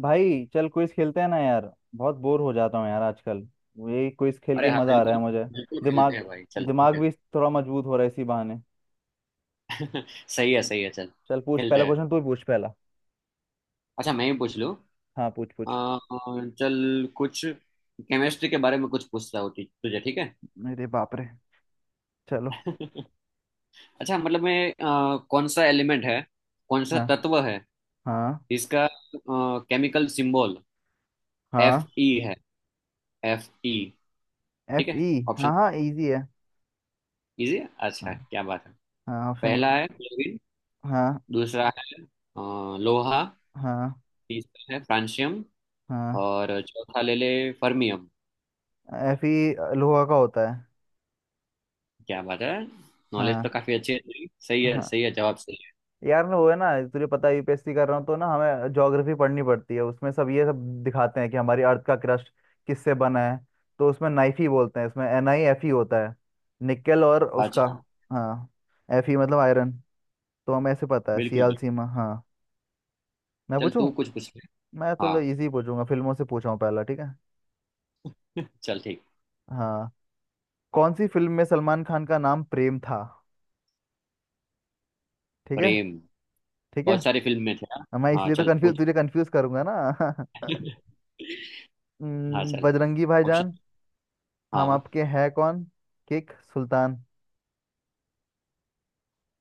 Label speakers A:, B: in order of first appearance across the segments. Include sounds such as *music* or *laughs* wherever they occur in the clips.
A: भाई चल क्विज खेलते हैं ना यार। बहुत बोर हो जाता हूँ यार आजकल। ये क्विज खेल
B: अरे
A: के
B: हाँ,
A: मजा आ रहा
B: बिल्कुल
A: है मुझे।
B: बिल्कुल
A: दिमाग
B: खेलते हैं भाई, चल ठीक
A: दिमाग
B: है।
A: भी थोड़ा मजबूत हो रहा है इसी बहाने।
B: *laughs* सही है सही है, चल
A: चल पूछ
B: खेलते
A: पहला
B: हैं।
A: क्वेश्चन तू ही पूछ पहला।
B: अच्छा, मैं ही पूछ लूँ।
A: हाँ पूछ पूछ
B: चल, कुछ केमिस्ट्री के बारे में कुछ पूछता हूँ, तुझे ठीक है।
A: मेरे बाप रे। चलो।
B: *laughs* अच्छा मतलब, मैं कौन सा एलिमेंट है, कौन सा
A: हाँ।
B: तत्व है
A: हाँ।
B: जिसका केमिकल सिंबल एफ
A: हाँ।
B: ई है। F E. ठीक
A: एफ
B: है,
A: ई।
B: ऑप्शन।
A: हाँ हाँ इजी है।
B: इजी है,
A: हाँ
B: अच्छा क्या बात है।
A: हाँ ऑप्शन दो।
B: पहला है क्लोरीन,
A: हाँ।
B: दूसरा है लोहा,
A: हाँ।
B: तीसरा है फ्रांशियम,
A: हाँ।
B: और चौथा ले ले फर्मियम।
A: एफ ई लोहा का होता है।
B: क्या बात है, नॉलेज तो
A: हाँ।
B: काफी अच्छी है तेरी। सही है
A: हाँ।
B: सही है, जवाब सही है।
A: यार ना वो है ना तुझे पता है यूपीएससी कर रहा हूँ तो ना हमें ज्योग्राफी पढ़नी पड़ती है उसमें सब ये सब दिखाते हैं कि हमारी अर्थ का क्रस्ट किससे बना है। तो उसमें नाइफी बोलते हैं, इसमें एन आई एफ ई होता है। निकेल और उसका।
B: अच्छा।
A: हाँ। एफ ई मतलब आयरन। तो हमें ऐसे पता है
B: बिल्कुल
A: सियाल
B: बिल्कुल।
A: सीमा। हाँ। मैं
B: चल, तू
A: पूछूं।
B: कुछ पूछ ले।
A: मैं
B: हाँ।
A: थोड़ा इजी पूछूंगा, फिल्मों से पूछा हूँ पहला, ठीक है।
B: *laughs* चल ठीक।
A: हाँ। कौन सी फिल्म में सलमान खान का नाम प्रेम था? ठीक है।
B: प्रेम?
A: ठीक है।
B: बहुत सारी फिल्म में थे। हाँ
A: मैं
B: हाँ,
A: इसलिए तो
B: चल
A: कंफ्यूज,
B: पूछ।
A: तुझे कंफ्यूज करूंगा ना। *laughs*
B: *laughs* हाँ चल।
A: बजरंगी
B: ऑप्शन।
A: भाईजान। हम
B: हाँ।
A: आपके हैं कौन। किक, सुल्तान।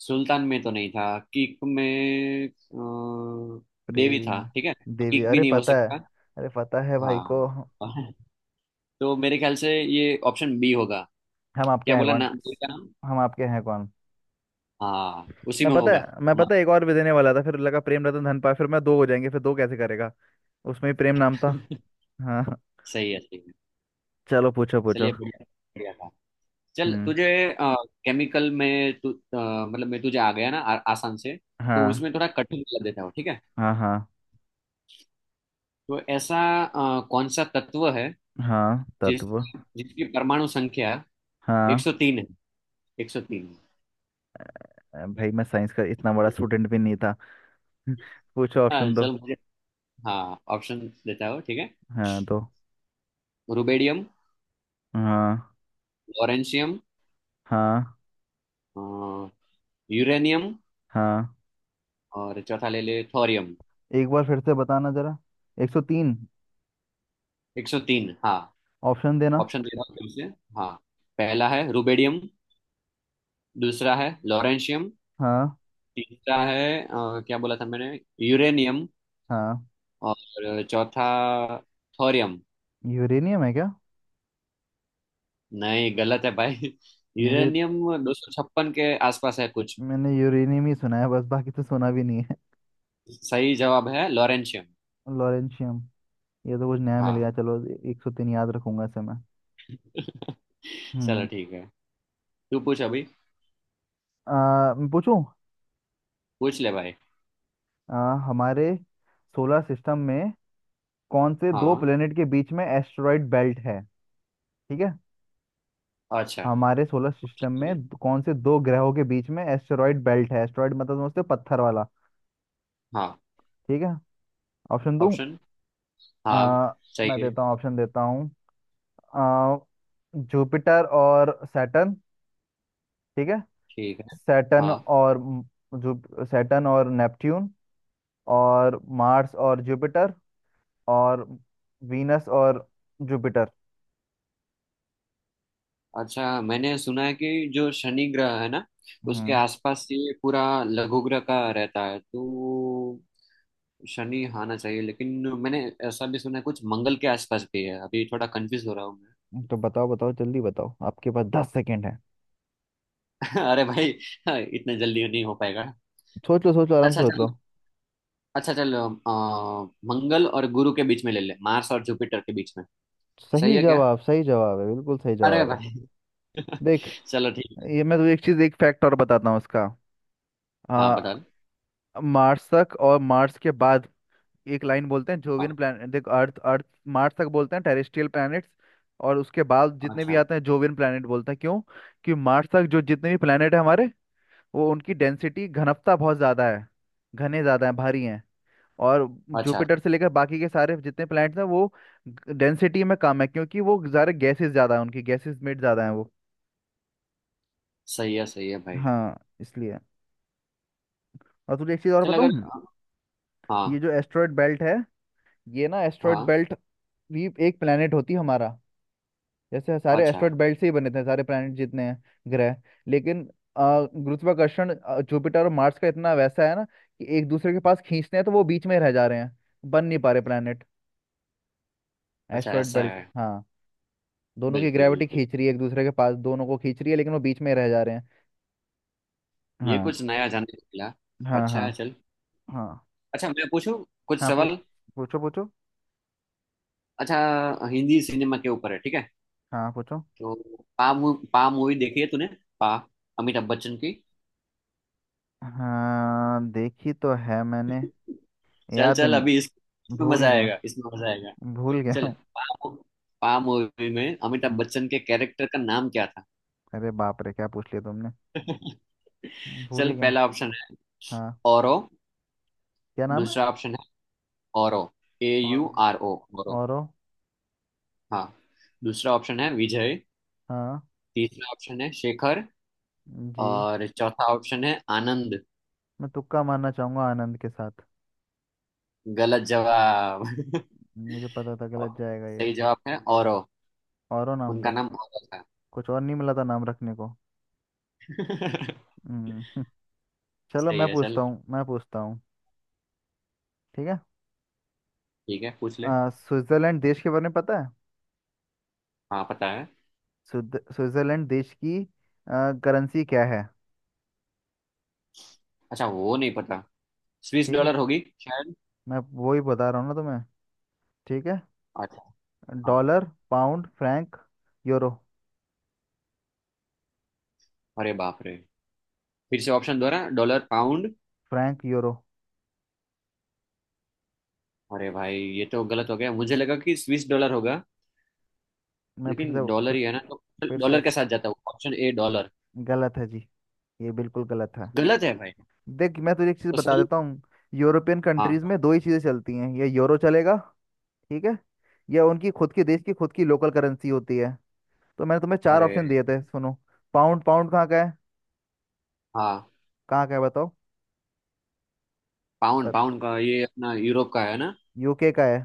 B: सुल्तान में तो नहीं था, किक में देवी था,
A: प्रेम।
B: ठीक है।
A: देवी,
B: किक भी
A: अरे
B: नहीं हो
A: पता है।
B: सकता।
A: अरे पता है भाई
B: हाँ।
A: को। हम
B: *laughs* तो मेरे ख्याल से ये ऑप्शन बी होगा।
A: आपके
B: क्या
A: हैं
B: बोला ना
A: कौन।
B: देवी का नाम।
A: हम आपके हैं कौन।
B: हाँ, उसी
A: मैं
B: में
A: पता
B: होगा।
A: है, मैं पता
B: हमारा।
A: है, एक और भी देने वाला था, फिर लगा प्रेम रतन धन पाए, फिर मैं दो हो जाएंगे, फिर दो कैसे करेगा। उसमें ही प्रेम नाम था।
B: *laughs*
A: हाँ।
B: सही है सही है।
A: चलो पूछो पूछो
B: चलिए, बढ़िया। बढ़िया था। चल
A: हम्म।
B: तुझे केमिकल में तू मतलब, मैं तुझे आ गया ना, आसान से, तो
A: हाँ।
B: उसमें थोड़ा कठिन कर देता हूँ, ठीक है।
A: हाँ। हाँ
B: तो ऐसा, कौन सा तत्व है
A: हाँ
B: जिस
A: तत्व।
B: जिसकी परमाणु संख्या
A: हाँ।
B: 103 है। 103।
A: भाई मैं साइंस का इतना बड़ा स्टूडेंट भी नहीं था। *laughs* पूछो,
B: हाँ,
A: ऑप्शन दो।
B: चल मुझे। हाँ, ऑप्शन देता हूँ, ठीक है।
A: हाँ, दो।
B: रुबेडियम,
A: हाँ।
B: लॉरेंशियम,
A: हाँ।
B: अ, यूरेनियम,
A: हाँ।
B: और चौथा ले ले थोरियम।
A: एक बार फिर से बताना जरा। 103।
B: 103 हाँ।
A: ऑप्शन देना।
B: ऑप्शन दे रहा हूँ फिर से। हाँ। पहला है रुबेडियम, दूसरा है लॉरेंशियम,
A: हाँ।
B: तीसरा है क्या बोला था मैंने, यूरेनियम,
A: हाँ।
B: और चौथा थोरियम।
A: यूरेनियम है क्या?
B: नहीं, गलत है भाई। *laughs*
A: मुझे।
B: यूरेनियम दो सौ छप्पन के आसपास है कुछ।
A: मैंने यूरेनियम ही सुना है, बस बाकी तो सुना भी नहीं है।
B: सही जवाब है लॉरेंशियम।
A: लॉरेंशियम। ये तो कुछ नया मिल
B: हाँ।
A: गया, चलो। 103 याद रखूंगा इसे मैं।
B: चलो
A: हम्म।
B: ठीक है, तू पूछ अभी।
A: मैं पूछूं।
B: पूछ ले भाई।
A: हमारे सोलर सिस्टम में कौन से दो
B: हाँ।
A: प्लेनेट के बीच में एस्टेरॉइड बेल्ट है? ठीक है।
B: अच्छा।
A: हमारे सोलर सिस्टम में कौन से दो ग्रहों के बीच में एस्टेरॉइड बेल्ट है? एस्टेरॉइड मतलब समझते हो, पत्थर वाला।
B: हाँ,
A: ठीक है। ऑप्शन दूं?
B: ऑप्शन। हाँ,
A: आ, मैं
B: चाहिए।
A: देता हूँ, ऑप्शन देता हूँ। आ, जुपिटर और सैटर्न। ठीक है।
B: ठीक है।
A: सैटर्न
B: हाँ।
A: और म- जु सैटर्न और नेपट्यून। और मार्स और जुपिटर। और वीनस और जुपिटर।
B: अच्छा, मैंने सुना है कि जो शनि ग्रह है ना, उसके
A: हम्म।
B: आसपास ये पूरा लघु ग्रह का रहता है, तो शनि आना चाहिए। लेकिन मैंने ऐसा भी सुना है कुछ मंगल के आसपास भी है। अभी थोड़ा कंफ्यूज हो रहा हूँ मैं।
A: तो बताओ बताओ, जल्दी बताओ, आपके पास 10 सेकेंड है।
B: *laughs* अरे भाई, इतने जल्दी नहीं हो पाएगा।
A: सोच लो, सोच लो, आराम से
B: अच्छा
A: सोच
B: चल।
A: लो।
B: अच्छा चल, मंगल और गुरु के बीच में ले ले, मार्स और जुपिटर के बीच में। सही
A: सही
B: है क्या?
A: जवाब, सही जवाब है, बिल्कुल सही
B: अरे
A: जवाब है।
B: भाई।
A: देख,
B: *laughs* चलो ठीक है।
A: ये मैं तुझे एक चीज, एक फैक्ट और बताता हूँ उसका।
B: हाँ,
A: आ,
B: बता दो।
A: मार्स के बाद एक लाइन बोलते हैं
B: हाँ।
A: Jovian plan. देख, अर्थ अर्थ मार्स तक बोलते हैं टेरेस्ट्रियल प्लैनेट्स। और उसके बाद जितने भी
B: अच्छा।
A: आते हैं जोवियन प्लैनेट बोलते हैं। क्यों? कि मार्स तक जो जितने भी प्लैनेट है हमारे, वो उनकी डेंसिटी घनत्व बहुत ज़्यादा है। घने ज़्यादा हैं, भारी हैं। और
B: अच्छा।
A: जुपिटर से लेकर बाकी के सारे जितने प्लैनेट्स हैं वो डेंसिटी में कम है, क्योंकि वो सारे गैसेस ज़्यादा हैं उनकी, गैसेस में ज़्यादा हैं वो।
B: सही है भाई।
A: हाँ, इसलिए। और तुझे एक चीज़ और
B: चल अगर।
A: बताऊँ। ये
B: हाँ।
A: जो एस्ट्रॉयड बेल्ट है, ये ना एस्ट्रॉयड
B: हाँ।
A: बेल्ट भी एक प्लैनेट होती है हमारा। जैसे सारे
B: अच्छा।
A: एस्ट्रॉइड बेल्ट से ही बने थे, सारे प्लैनेट जितने हैं, ग्रह। लेकिन अ, गुरुत्वाकर्षण जुपिटर और मार्स का इतना वैसा है ना कि एक दूसरे के पास खींचते हैं, तो वो बीच में रह जा रहे हैं, बन नहीं पा रहे प्लैनेट।
B: अच्छा
A: एस्ट्रॉइड
B: ऐसा
A: बेल्ट।
B: है।
A: हाँ, दोनों की
B: बिल्कुल
A: ग्रेविटी
B: बिल्कुल।
A: खींच रही है एक दूसरे के पास, दोनों को खींच रही है लेकिन वो बीच में रह जा रहे हैं।
B: ये
A: हाँ।
B: कुछ नया जानने को मिला।
A: हाँ।
B: अच्छा
A: हाँ।
B: है, चल।
A: हाँ
B: अच्छा, मैं पूछूं कुछ
A: हाँ पूछ।
B: सवाल।
A: पूछो पूछो
B: अच्छा, हिंदी सिनेमा के ऊपर है, ठीक है।
A: हाँ, पूछो।
B: तो पा पा मूवी देखी है तूने? पा, अमिताभ बच्चन की।
A: हाँ, देखी तो है मैंने।
B: चल
A: याद
B: चल
A: नहीं।
B: अभी, इसमें
A: भूल
B: मजा
A: गया।
B: आएगा, इसमें मजा आएगा।
A: भूल गया
B: चल,
A: हूँ।
B: पा। पा मूवी में अमिताभ
A: हम्म,
B: बच्चन के कैरेक्टर का नाम क्या था?
A: अरे बाप रे, क्या पूछ लिया तुमने।
B: *laughs*
A: भूल
B: चल,
A: ही गया।
B: पहला ऑप्शन है
A: हाँ।
B: औरो।
A: क्या नाम है?
B: दूसरा ऑप्शन है औरो, ए यू
A: और।
B: R O, Auro.
A: औरो।
B: हाँ। दूसरा ऑप्शन है विजय,
A: हाँ।
B: तीसरा ऑप्शन है शेखर,
A: जी।
B: और चौथा ऑप्शन है आनंद।
A: मैं तुक्का मारना चाहूंगा आनंद के साथ।
B: गलत जवाब। *laughs*
A: मुझे पता था
B: और
A: गलत जाएगा ये।
B: सही जवाब है औरो।
A: औरो नाम
B: उनका
A: था?
B: नाम औरो था।
A: कुछ और नहीं मिला था नाम रखने को।
B: *laughs*
A: हम्म। *laughs* चलो
B: सही
A: मैं
B: है
A: पूछता
B: चल।
A: हूँ मैं पूछता हूँ ठीक है।
B: ठीक है, पूछ ले।
A: स्विट्जरलैंड देश के बारे में पता है?
B: हाँ, पता है।
A: स्विट्जरलैंड देश की करेंसी क्या है?
B: अच्छा, वो नहीं पता। स्विस
A: ठीक है।
B: डॉलर होगी शायद।
A: मैं वो ही बता रहा हूँ ना तुम्हें। ठीक है।
B: अच्छा। हाँ।
A: Dollar, pound, franc, euro.
B: अरे बाप रे। फिर से ऑप्शन दोहरा, डॉलर पाउंड।
A: Franc, euro.
B: अरे भाई, ये तो गलत हो गया, मुझे लगा कि स्विस डॉलर होगा।
A: मैं फिर
B: लेकिन
A: से।
B: डॉलर
A: फिर,
B: ही है ना, तो
A: फिर से।
B: डॉलर के साथ जाता है ऑप्शन ए डॉलर।
A: गलत है जी, ये बिल्कुल गलत है।
B: गलत है भाई।
A: देख मैं तुझे एक चीज
B: तो
A: बता
B: सही।
A: देता हूँ। यूरोपियन
B: हाँ,
A: कंट्रीज में दो ही चीजें चलती हैं, या यूरो चलेगा, ठीक है, या उनकी खुद के देश की खुद की लोकल करेंसी होती है। तो मैंने तुम्हें चार
B: अरे
A: ऑप्शन दिए थे, सुनो। पाउंड पाउंड कहाँ का है?
B: हाँ।
A: कहाँ का है बताओ?
B: पाउंड, पाउंड का ये अपना यूरोप का है ना।
A: यूके का है,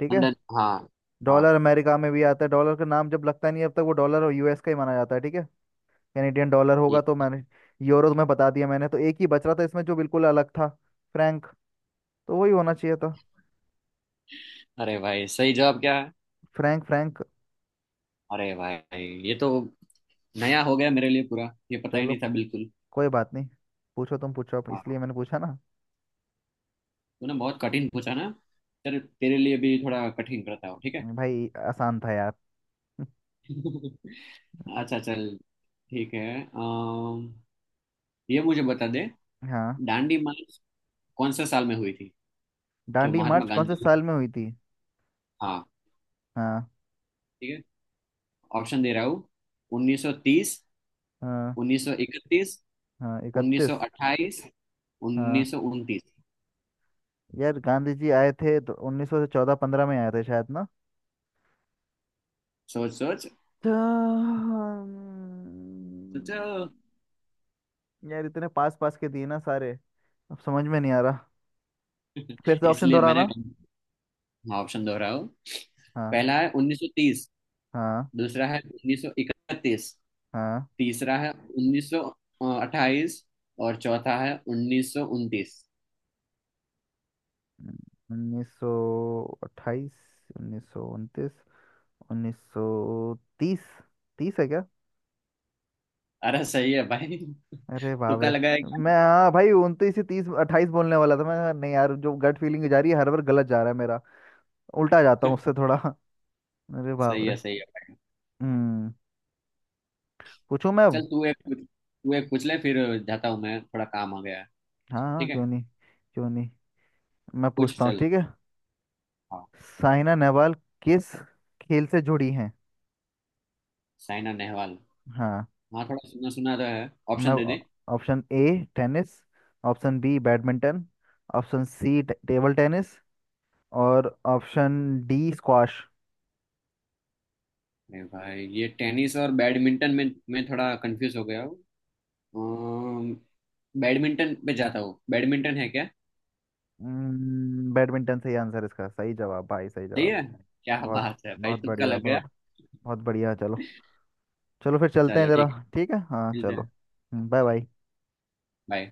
A: ठीक है।
B: लंदन, हाँ। हाँ,
A: डॉलर अमेरिका में भी आता है, डॉलर का नाम जब लगता नहीं है, अब तक वो डॉलर और यूएस का ही माना जाता है, ठीक है। कैनेडियन डॉलर होगा,
B: ये।
A: तो मैंने यूरो तुम्हें बता दिया, मैंने तो एक ही बच रहा था इसमें जो बिल्कुल अलग था, फ्रैंक, तो वही होना चाहिए था।
B: अरे भाई, सही जवाब क्या है?
A: फ्रैंक फ्रैंक
B: अरे भाई, ये तो नया हो गया मेरे लिए पूरा। ये पता ही
A: चलो,
B: नहीं था बिल्कुल।
A: कोई बात नहीं। पूछो, तुम पूछो, इसलिए
B: हाँ,
A: मैंने पूछा ना।
B: तूने बहुत कठिन पूछा ना। चल, तेरे लिए भी थोड़ा कठिन करता हूँ, ठीक है।
A: भाई आसान था यार। *laughs*
B: *laughs* अच्छा चल, ठीक है। अम, ये मुझे बता दे।
A: हाँ।
B: दांडी मार्च कौन से साल में हुई थी, जो
A: दांडी
B: महात्मा
A: मार्च कौन से
B: गांधी।
A: साल में हुई थी?
B: हाँ,
A: हाँ।
B: ठीक है, ऑप्शन दे रहा हूँ। 1930,
A: हाँ।
B: 1931,
A: हाँ, इकतीस।
B: 1928,
A: हाँ।
B: 1929।
A: यार गांधी जी आए थे तो 1914-15 में आए थे शायद ना।
B: सोच सोच।
A: तो, हम्म,
B: सोचो।
A: यार इतने पास पास के दिए ना सारे, अब समझ में नहीं आ रहा।
B: *laughs*
A: फिर से ऑप्शन
B: इसलिए मैंने।
A: दोहराना।
B: हाँ, ऑप्शन दोहराया हूँ।
A: हाँ।
B: पहला है 1930,
A: हाँ।
B: दूसरा है 1931,
A: हाँ।
B: तीसरा है 1928, और चौथा है 1929।
A: 1928, 1929, 1930। तीस है क्या?
B: अरे सही है भाई।
A: अरे
B: *laughs*
A: बाप
B: तुक्का
A: रे।
B: लगाया
A: मैं,
B: क्या?
A: हाँ भाई, उनतीस से तीस अट्ठाईस बोलने वाला था मैं, कहा नहीं यार, जो गट फीलिंग जा रही है हर बार गलत जा रहा है मेरा, उल्टा जाता हूँ उससे थोड़ा। *laughs* अरे बाप
B: सही
A: रे।
B: है सही है।
A: हम्म। पूछूं मैं अब?
B: चल, तू एक पूछ ले फिर। जाता हूँ मैं, थोड़ा काम आ गया है।
A: हाँ हाँ,
B: ठीक
A: क्यों
B: है,
A: नहीं, क्यों नहीं। मैं
B: पूछ
A: पूछता हूँ,
B: चल।
A: ठीक है।
B: हाँ,
A: साइना नेहवाल किस खेल से जुड़ी हैं?
B: साइना नेहवाल।
A: हाँ।
B: हाँ, थोड़ा सुना सुना तो है।
A: मैं,
B: ऑप्शन दे दे।
A: Option A tennis, option B badminton, option C table tennis, और ऑप्शन डी स्क्वाश।
B: अरे भाई, ये टेनिस और बैडमिंटन में मैं थोड़ा कंफ्यूज हो गया हूँ। अम, बैडमिंटन पे जाता हूँ। बैडमिंटन है क्या?
A: बैडमिंटन सही आंसर, इसका सही जवाब भाई, सही
B: सही
A: जवाब।
B: है। क्या
A: बहुत
B: बात है भाई, तुक्का लग गया।
A: बहुत बहुत बढ़िया चलो। चलो फिर चलते हैं
B: चलो
A: जरा।
B: ठीक है,
A: ठीक है, हाँ
B: मिलते हैं।
A: चलो। Bye bye.
B: बाय।